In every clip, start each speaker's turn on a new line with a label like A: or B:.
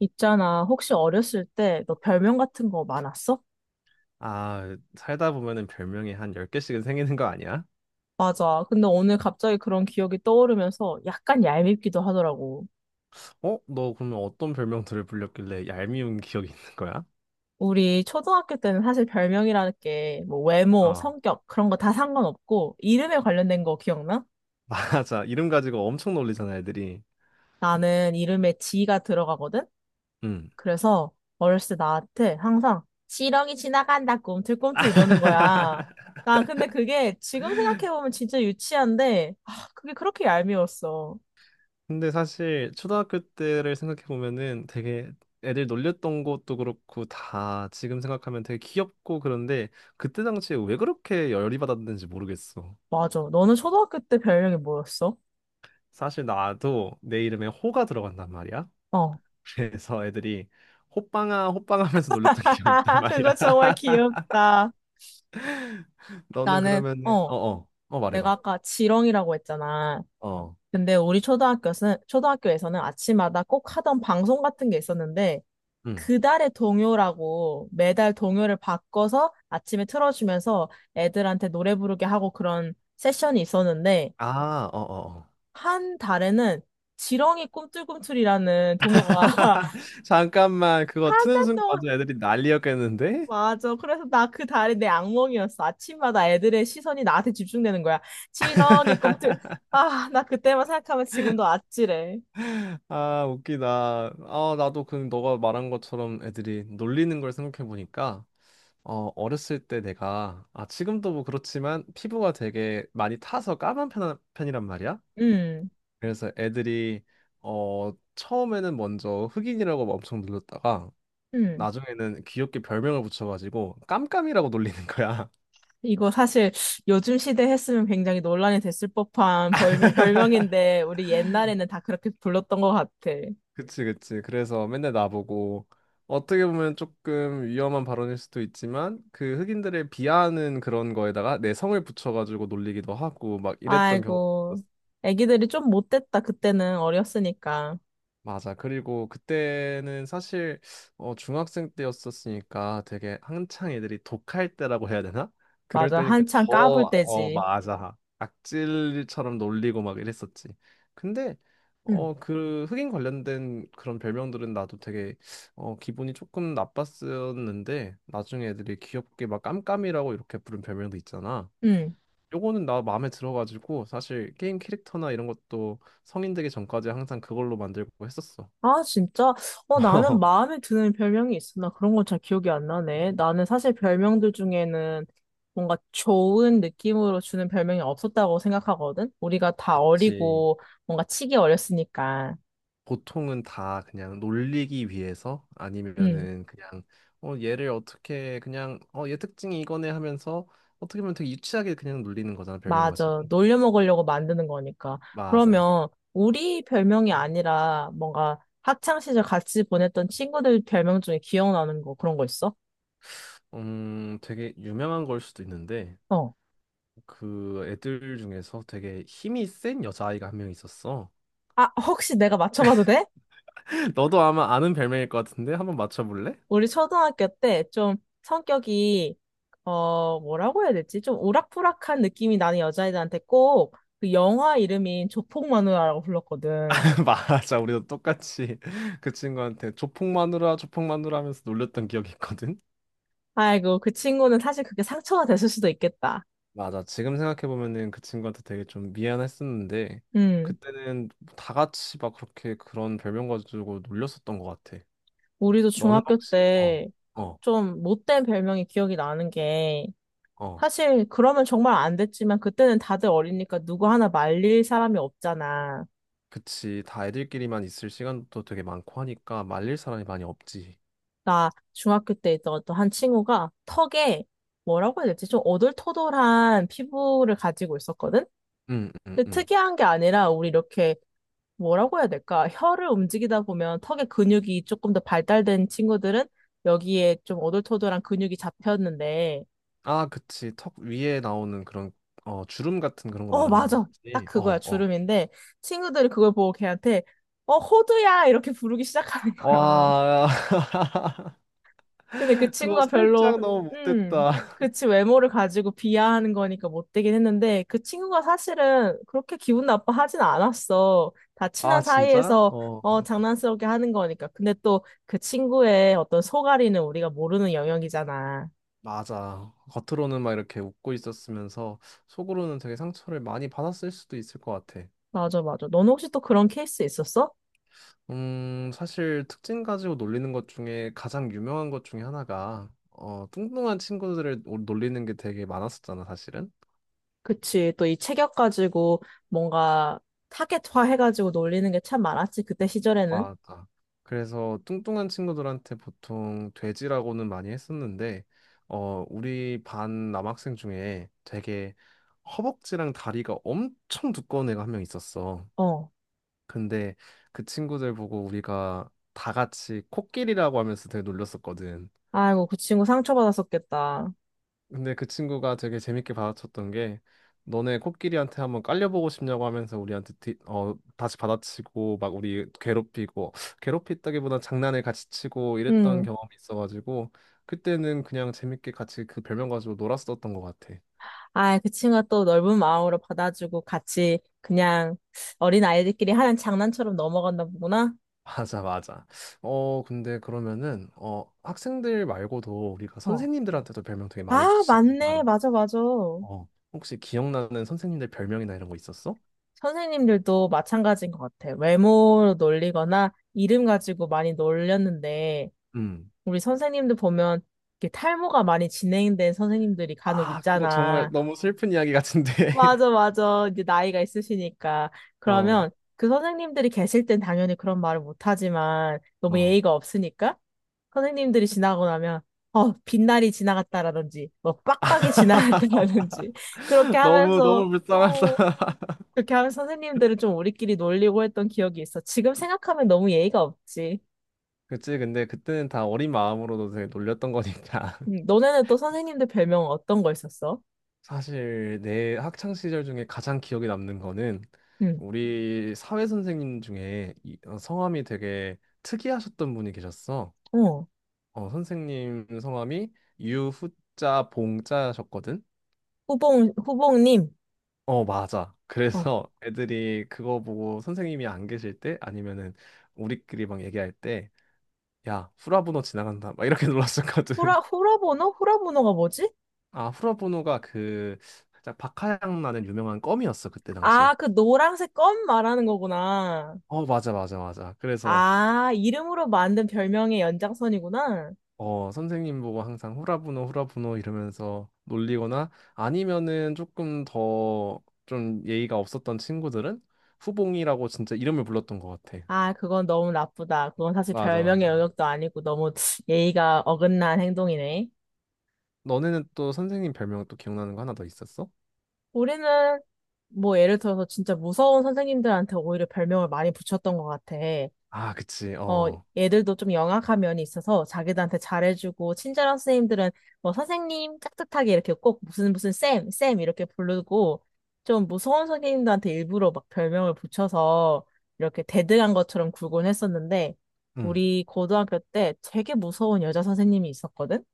A: 있잖아, 혹시 어렸을 때 너 별명 같은 거 많았어?
B: 아, 살다 보면은 별명이 한 10개씩은 생기는 거 아니야?
A: 맞아. 근데 오늘 갑자기 그런 기억이 떠오르면서 약간 얄밉기도 하더라고.
B: 어? 너 그러면 어떤 별명들을 불렸길래 얄미운 기억이 있는 거야?
A: 우리 초등학교 때는 사실 별명이라는 게 뭐 외모,
B: 어.
A: 성격 그런 거 다 상관없고 이름에 관련된 거 기억나?
B: 맞아. 이름 가지고 엄청 놀리잖아, 애들이.
A: 나는 이름에 지가 들어가거든?
B: 음.
A: 그래서 어렸을 때 나한테 항상 지렁이 지나간다 꿈틀꿈틀 이러는 거야. 나 근데 그게 지금 생각해보면 진짜 유치한데 아, 그게 그렇게 얄미웠어.
B: 근데 사실 초등학교 때를 생각해 보면은 되게 애들 놀렸던 것도 그렇고 다 지금 생각하면 되게 귀엽고 그런데 그때 당시에 왜 그렇게 열이 받았는지 모르겠어.
A: 맞아. 너는 초등학교 때 별명이 뭐였어?
B: 사실 나도 내 이름에 호가 들어간단 말이야.
A: 어.
B: 그래서 애들이 호빵아 호빵 하면서 놀렸던 기억이 있단
A: 그거
B: 말이야.
A: 정말 귀엽다.
B: 너는
A: 나는,
B: 그러면은
A: 내가
B: 말해봐.
A: 아까 지렁이라고 했잖아.
B: 어.
A: 근데 우리 초등학교는, 초등학교에서는 아침마다 꼭 하던 방송 같은 게 있었는데,
B: 응.
A: 그달의 동요라고 매달 동요를 바꿔서 아침에 틀어주면서 애들한테 노래 부르게 하고 그런 세션이 있었는데,
B: 아, 어, 어, 어.
A: 한 달에는 지렁이 꿈틀꿈틀이라는 동요가
B: 잠깐만, 그거
A: 한
B: 트는
A: 달
B: 순간
A: 동안
B: 완전 애들이 난리였겠는데?
A: 맞아. 그래서 나 그 달이 내 악몽이었어. 아침마다 애들의 시선이 나한테 집중되는 거야. 지렁이 꿈틀. 아, 나 그때만 생각하면 지금도 아찔해.
B: 아, 웃기다. 아, 나도 그 너가 말한 것처럼 애들이 놀리는 걸 생각해 보니까 어렸을 때 내가 아, 지금도 뭐 그렇지만 피부가 되게 많이 타서 까만 편, 편이란 말이야.
A: 음,
B: 그래서 애들이 처음에는 먼저 흑인이라고 막 엄청 놀렸다가
A: 음.
B: 나중에는 귀엽게 별명을 붙여가지고 깜깜이라고 놀리는 거야.
A: 이거 사실 요즘 시대 했으면 굉장히 논란이 됐을 법한 별명인데 우리 옛날에는 다 그렇게 불렀던 것 같아.
B: 그치 그치. 그래서 맨날 나보고 어떻게 보면 조금 위험한 발언일 수도 있지만 그 흑인들을 비하하는 그런 거에다가 내 성을 붙여가지고 놀리기도 하고 막 이랬던 경우.
A: 아이고.
B: 있었어요.
A: 애기들이 좀 못됐다. 그때는 어렸으니까.
B: 맞아. 그리고 그때는 사실 중학생 때였었으니까 되게 한창 애들이 독할 때라고 해야 되나? 그럴
A: 맞아.
B: 때니까
A: 한창
B: 더,
A: 까불
B: 어,
A: 때지.
B: 맞아. 악질처럼 놀리고 막 이랬었지. 근데
A: 음,
B: 그 흑인 관련된 그런 별명들은 나도 되게 기분이 조금 나빴었는데 나중에 애들이 귀엽게 막 깜깜이라고 이렇게 부른 별명도 있잖아.
A: 음.
B: 요거는 나 마음에 들어가지고 사실 게임 캐릭터나 이런 것도 성인 되기 전까지 항상 그걸로 만들고 했었어.
A: 아, 진짜? 나는 마음에 드는 별명이 있어. 나 그런 건 잘 기억이 안 나네. 나는 사실 별명들 중에는 뭔가 좋은 느낌으로 주는 별명이 없었다고 생각하거든? 우리가 다
B: 그치.
A: 어리고 뭔가 치기 어렸으니까.
B: 보통은 다 그냥 놀리기 위해서
A: 응,
B: 아니면은 그냥 얘를 어떻게 그냥 얘 특징이 이거네 하면서 어떻게 보면 되게 유치하게 그냥 놀리는 거잖아 별명 가지고.
A: 맞아. 놀려 먹으려고 만드는 거니까.
B: 맞아.
A: 그러면 우리 별명이 아니라 뭔가 학창 시절 같이 보냈던 친구들 별명 중에 기억나는 거 그런 거 있어?
B: 음, 되게 유명한 걸 수도 있는데
A: 어.
B: 그 애들 중에서 되게 힘이 센 여자아이가 한 명 있었어.
A: 아, 혹시 내가 맞춰봐도 돼?
B: 너도 아마 아는 별명일 것 같은데 한번 맞춰볼래?
A: 우리 초등학교 때 좀 성격이 뭐라고 해야 될지 좀 오락부락한 느낌이 나는 여자애들한테 꼭 그 영화 이름인 조폭마누라라고 불렀거든.
B: 맞아, 우리도 똑같이 그 친구한테 조폭 마누라 조폭 마누라 하면서 놀렸던 기억이 있거든.
A: 아이고 그 친구는 사실 그게 상처가 됐을 수도 있겠다.
B: 맞아. 지금 생각해보면은 그 친구한테 되게 좀 미안했었는데,
A: 음
B: 그때는 다 같이 막 그렇게 그런 별명 가지고 놀렸었던 것 같아.
A: 우리도
B: 너는
A: 중학교
B: 혹시, 어,
A: 때
B: 어,
A: 좀 못된 별명이 기억이 나는 게
B: 어.
A: 사실 그러면 정말 안 됐지만 그때는 다들 어리니까 누구 하나 말릴 사람이 없잖아.
B: 그치. 다 애들끼리만 있을 시간도 되게 많고 하니까 말릴 사람이 많이 없지.
A: 나 중학교 때 있던 어떤 한 친구가 턱에 뭐라고 해야 될지 좀 어들토돌한 피부를 가지고 있었거든?
B: 응, 응,
A: 근데
B: 응.
A: 특이한 게 아니라 우리 이렇게 뭐라고 해야 될까? 혀를 움직이다 보면 턱의 근육이 조금 더 발달된 친구들은 여기에 좀 어들토돌한 근육이 잡혔는데,
B: 아, 그치. 턱 위에 나오는 그런, 어, 주름 같은 그런 거
A: 어,
B: 말하는 거
A: 맞아. 딱
B: 맞지? 어,
A: 그거야.
B: 어.
A: 주름인데, 친구들이 그걸 보고 걔한테, 어, 호두야! 이렇게 부르기 시작하는 거야.
B: 와,
A: 근데 그
B: 그거
A: 친구가 별로,
B: 살짝 너무
A: 음,
B: 못됐다.
A: 그치, 외모를 가지고 비하하는 거니까 못되긴 했는데, 그 친구가 사실은 그렇게 기분 나빠 하진 않았어. 다 친한
B: 아, 진짜?
A: 사이에서,
B: 어.
A: 장난스럽게 하는 거니까. 근데 또 그 친구의 어떤 속앓이는 우리가 모르는 영역이잖아.
B: 맞아. 겉으로는 막 이렇게 웃고 있었으면서 속으로는 되게 상처를 많이 받았을 수도 있을 것 같아.
A: 맞아, 맞아. 넌 혹시 또 그런 케이스 있었어?
B: 사실 특징 가지고 놀리는 것 중에 가장 유명한 것 중에 하나가 뚱뚱한 친구들을 놀리는 게 되게 많았었잖아, 사실은.
A: 그치, 또 이 체격 가지고 뭔가 타겟화 해가지고 놀리는 게 참 많았지, 그때 시절에는.
B: 맞아. 그래서 뚱뚱한 친구들한테 보통 돼지라고는 많이 했었는데 우리 반 남학생 중에 되게 허벅지랑 다리가 엄청 두꺼운 애가 한 명 있었어.
A: 어.
B: 근데 그 친구들 보고 우리가 다 같이 코끼리라고 하면서 되게 놀렸었거든.
A: 아이고, 그 친구 상처받았었겠다.
B: 근데 그 친구가 되게 재밌게 받아쳤던 게 너네 코끼리한테 한번 깔려보고 싶냐고 하면서 우리한테 뒤, 어, 다시 받아치고 막 우리 괴롭히고 괴롭히다기보다 장난을 같이 치고 이랬던
A: 음.
B: 경험이 있어가지고 그때는 그냥 재밌게 같이 그 별명 가지고 놀았었던 것 같아.
A: 아, 그 친구가 또 넓은 마음으로 받아주고 같이 그냥 어린 아이들끼리 하는 장난처럼 넘어간다 보구나.
B: 맞아, 맞아. 근데 그러면은 학생들 말고도 우리가
A: 어.
B: 선생님들한테도 별명 되게 많이
A: 아,
B: 붙이잖아.
A: 맞네. 맞아, 맞아.
B: 어, 혹시 기억나는 선생님들 별명이나 이런 거 있었어?
A: 선생님들도 마찬가지인 것 같아. 외모로 놀리거나 이름 가지고 많이 놀렸는데,
B: 음.
A: 우리 선생님들 보면 이렇게 탈모가 많이 진행된 선생님들이 간혹
B: 아, 그거 정말
A: 있잖아.
B: 너무 슬픈 이야기 같은데.
A: 맞아, 맞아. 이제 나이가 있으시니까.
B: 어,
A: 그러면 그 선생님들이 계실 땐 당연히 그런 말을 못하지만 너무
B: 어.
A: 예의가 없으니까 선생님들이 지나고 나면 빛날이 지나갔다라든지 뭐 빡빡이 지나갔다라든지 그렇게
B: 너무,
A: 하면서
B: 너무
A: 어,
B: 불쌍하다.
A: 그렇게 하면서 선생님들은 좀 우리끼리 놀리고 했던 기억이 있어. 지금 생각하면 너무 예의가 없지.
B: 그치, 근데 그때는 다 어린 마음으로도 되게 놀렸던 거니까.
A: 너네는 또 선생님들 별명 어떤 거 있었어?
B: 사실 내 학창 시절 중에 가장 기억에 남는 거는
A: 응,
B: 우리 사회 선생님 중에 어, 성함이 되게 특이하셨던 분이 계셨어.
A: 어,
B: 어, 선생님 성함이 유후자 봉자셨거든.
A: 후봉님.
B: 어, 맞아.
A: 어,
B: 그래서 애들이 그거 보고 선생님이 안 계실 때 아니면은 우리끼리 막 얘기할 때, 야, 후라부노 지나간다. 막 이렇게 놀랐었거든.
A: 후라보노? 후라보노가 뭐지?
B: 아, 후라부노가 그 살짝 박하향 나는 유명한 껌이었어, 그때
A: 아,
B: 당시에.
A: 그 노란색 껌 말하는 거구나.
B: 어, 맞아, 맞아, 맞아. 그래서
A: 아, 이름으로 만든 별명의 연장선이구나.
B: 어, 선생님 보고 항상 후라부노, 후라부노 이러면서 놀리거나 아니면은 조금 더 좀 예의가 없었던 친구들은 후봉이라고 진짜 이름을 불렀던 것 같아.
A: 아, 그건 너무 나쁘다. 그건 사실
B: 맞아,
A: 별명의
B: 맞아.
A: 영역도 아니고 너무 예의가 어긋난 행동이네.
B: 너네는 또 선생님 별명 또 기억나는 거 하나 더 있었어?
A: 우리는 뭐 예를 들어서 진짜 무서운 선생님들한테 오히려 별명을 많이 붙였던 것 같아.
B: 아, 그치.
A: 어,
B: 어.
A: 애들도 좀 영악한 면이 있어서 자기들한테 잘해주고, 친절한 선생님들은 뭐 선생님 깍듯하게 이렇게 꼭 무슨 무슨 쌤, 쌤 이렇게 부르고, 좀 무서운 선생님들한테 일부러 막 별명을 붙여서 이렇게 대등한 것처럼 굴곤 했었는데,
B: 응.
A: 우리 고등학교 때 되게 무서운 여자 선생님이 있었거든?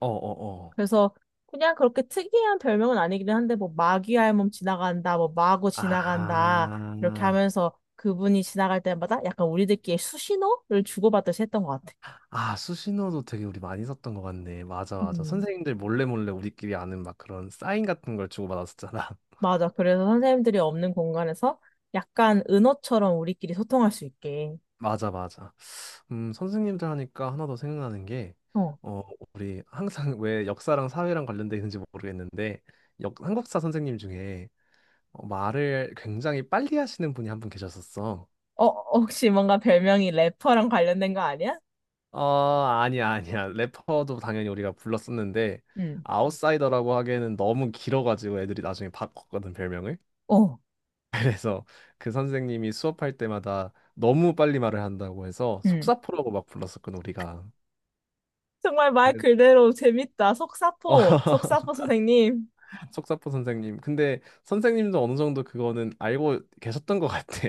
B: 어, 어, 어.
A: 그래서 그냥 그렇게 특이한 별명은 아니긴 한데 뭐 마귀 할멈 지나간다, 뭐 마고 지나간다 이렇게
B: 아.
A: 하면서 그분이 지나갈 때마다 약간 우리들끼리 수신호를 주고받듯이 했던 것 같아.
B: 아, 수신호도 되게 우리 많이 썼던 것 같네. 맞아, 맞아.
A: 음,
B: 선생님들 몰래 몰래 우리끼리 아는 막 그런 사인 같은 걸 주고받았었잖아.
A: 맞아. 그래서 선생님들이 없는 공간에서 약간 은어처럼 우리끼리 소통할 수 있게.
B: 맞아, 맞아. 선생님들 하니까 하나 더 생각나는 게,
A: 어,
B: 어, 우리 항상 왜 역사랑 사회랑 관련돼 있는지 모르겠는데, 한국사 선생님 중에 말을 굉장히 빨리 하시는 분이 한 분 계셨었어.
A: 어, 혹시 뭔가 별명이 래퍼랑 관련된 거 아니야?
B: 어, 아니야, 아니야. 래퍼도 당연히 우리가 불렀었는데,
A: 응.
B: 아웃사이더라고 하기에는 너무 길어가지고 애들이 나중에 바꿨거든, 별명을.
A: 어,
B: 그래서 그 선생님이 수업할 때마다 너무 빨리 말을 한다고 해서
A: 응.
B: 속사포라고 막 불렀었거든, 우리가.
A: 정말 말
B: 그래서
A: 그대로 재밌다.
B: 어,
A: 속사포, 속사포 선생님.
B: 속사포 선생님. 근데 선생님도 어느 정도 그거는 알고 계셨던 것 같아.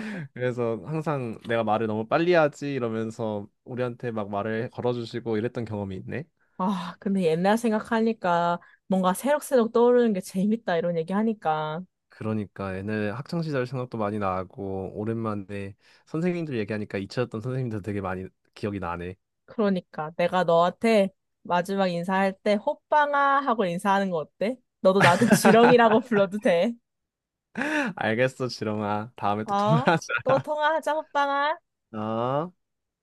B: 그래서 항상 내가 말을 너무 빨리 하지 이러면서 우리한테 막 말을 걸어주시고 이랬던 경험이 있네.
A: 아, 근데 옛날 생각하니까 뭔가 새록새록 떠오르는 게 재밌다 이런 얘기 하니까.
B: 그러니까 옛날에 학창 시절 생각도 많이 나고 오랜만에 선생님들 얘기하니까 잊혀졌던 선생님들 되게 많이 기억이 나네.
A: 그러니까 내가 너한테 마지막 인사할 때 호빵아 하고 인사하는 거 어때? 너도 나한테 지렁이라고 불러도 돼.
B: 알겠어, 지렁아. 다음에 또
A: 어?
B: 통화하자.
A: 또 통화하자, 호빵아.
B: 어?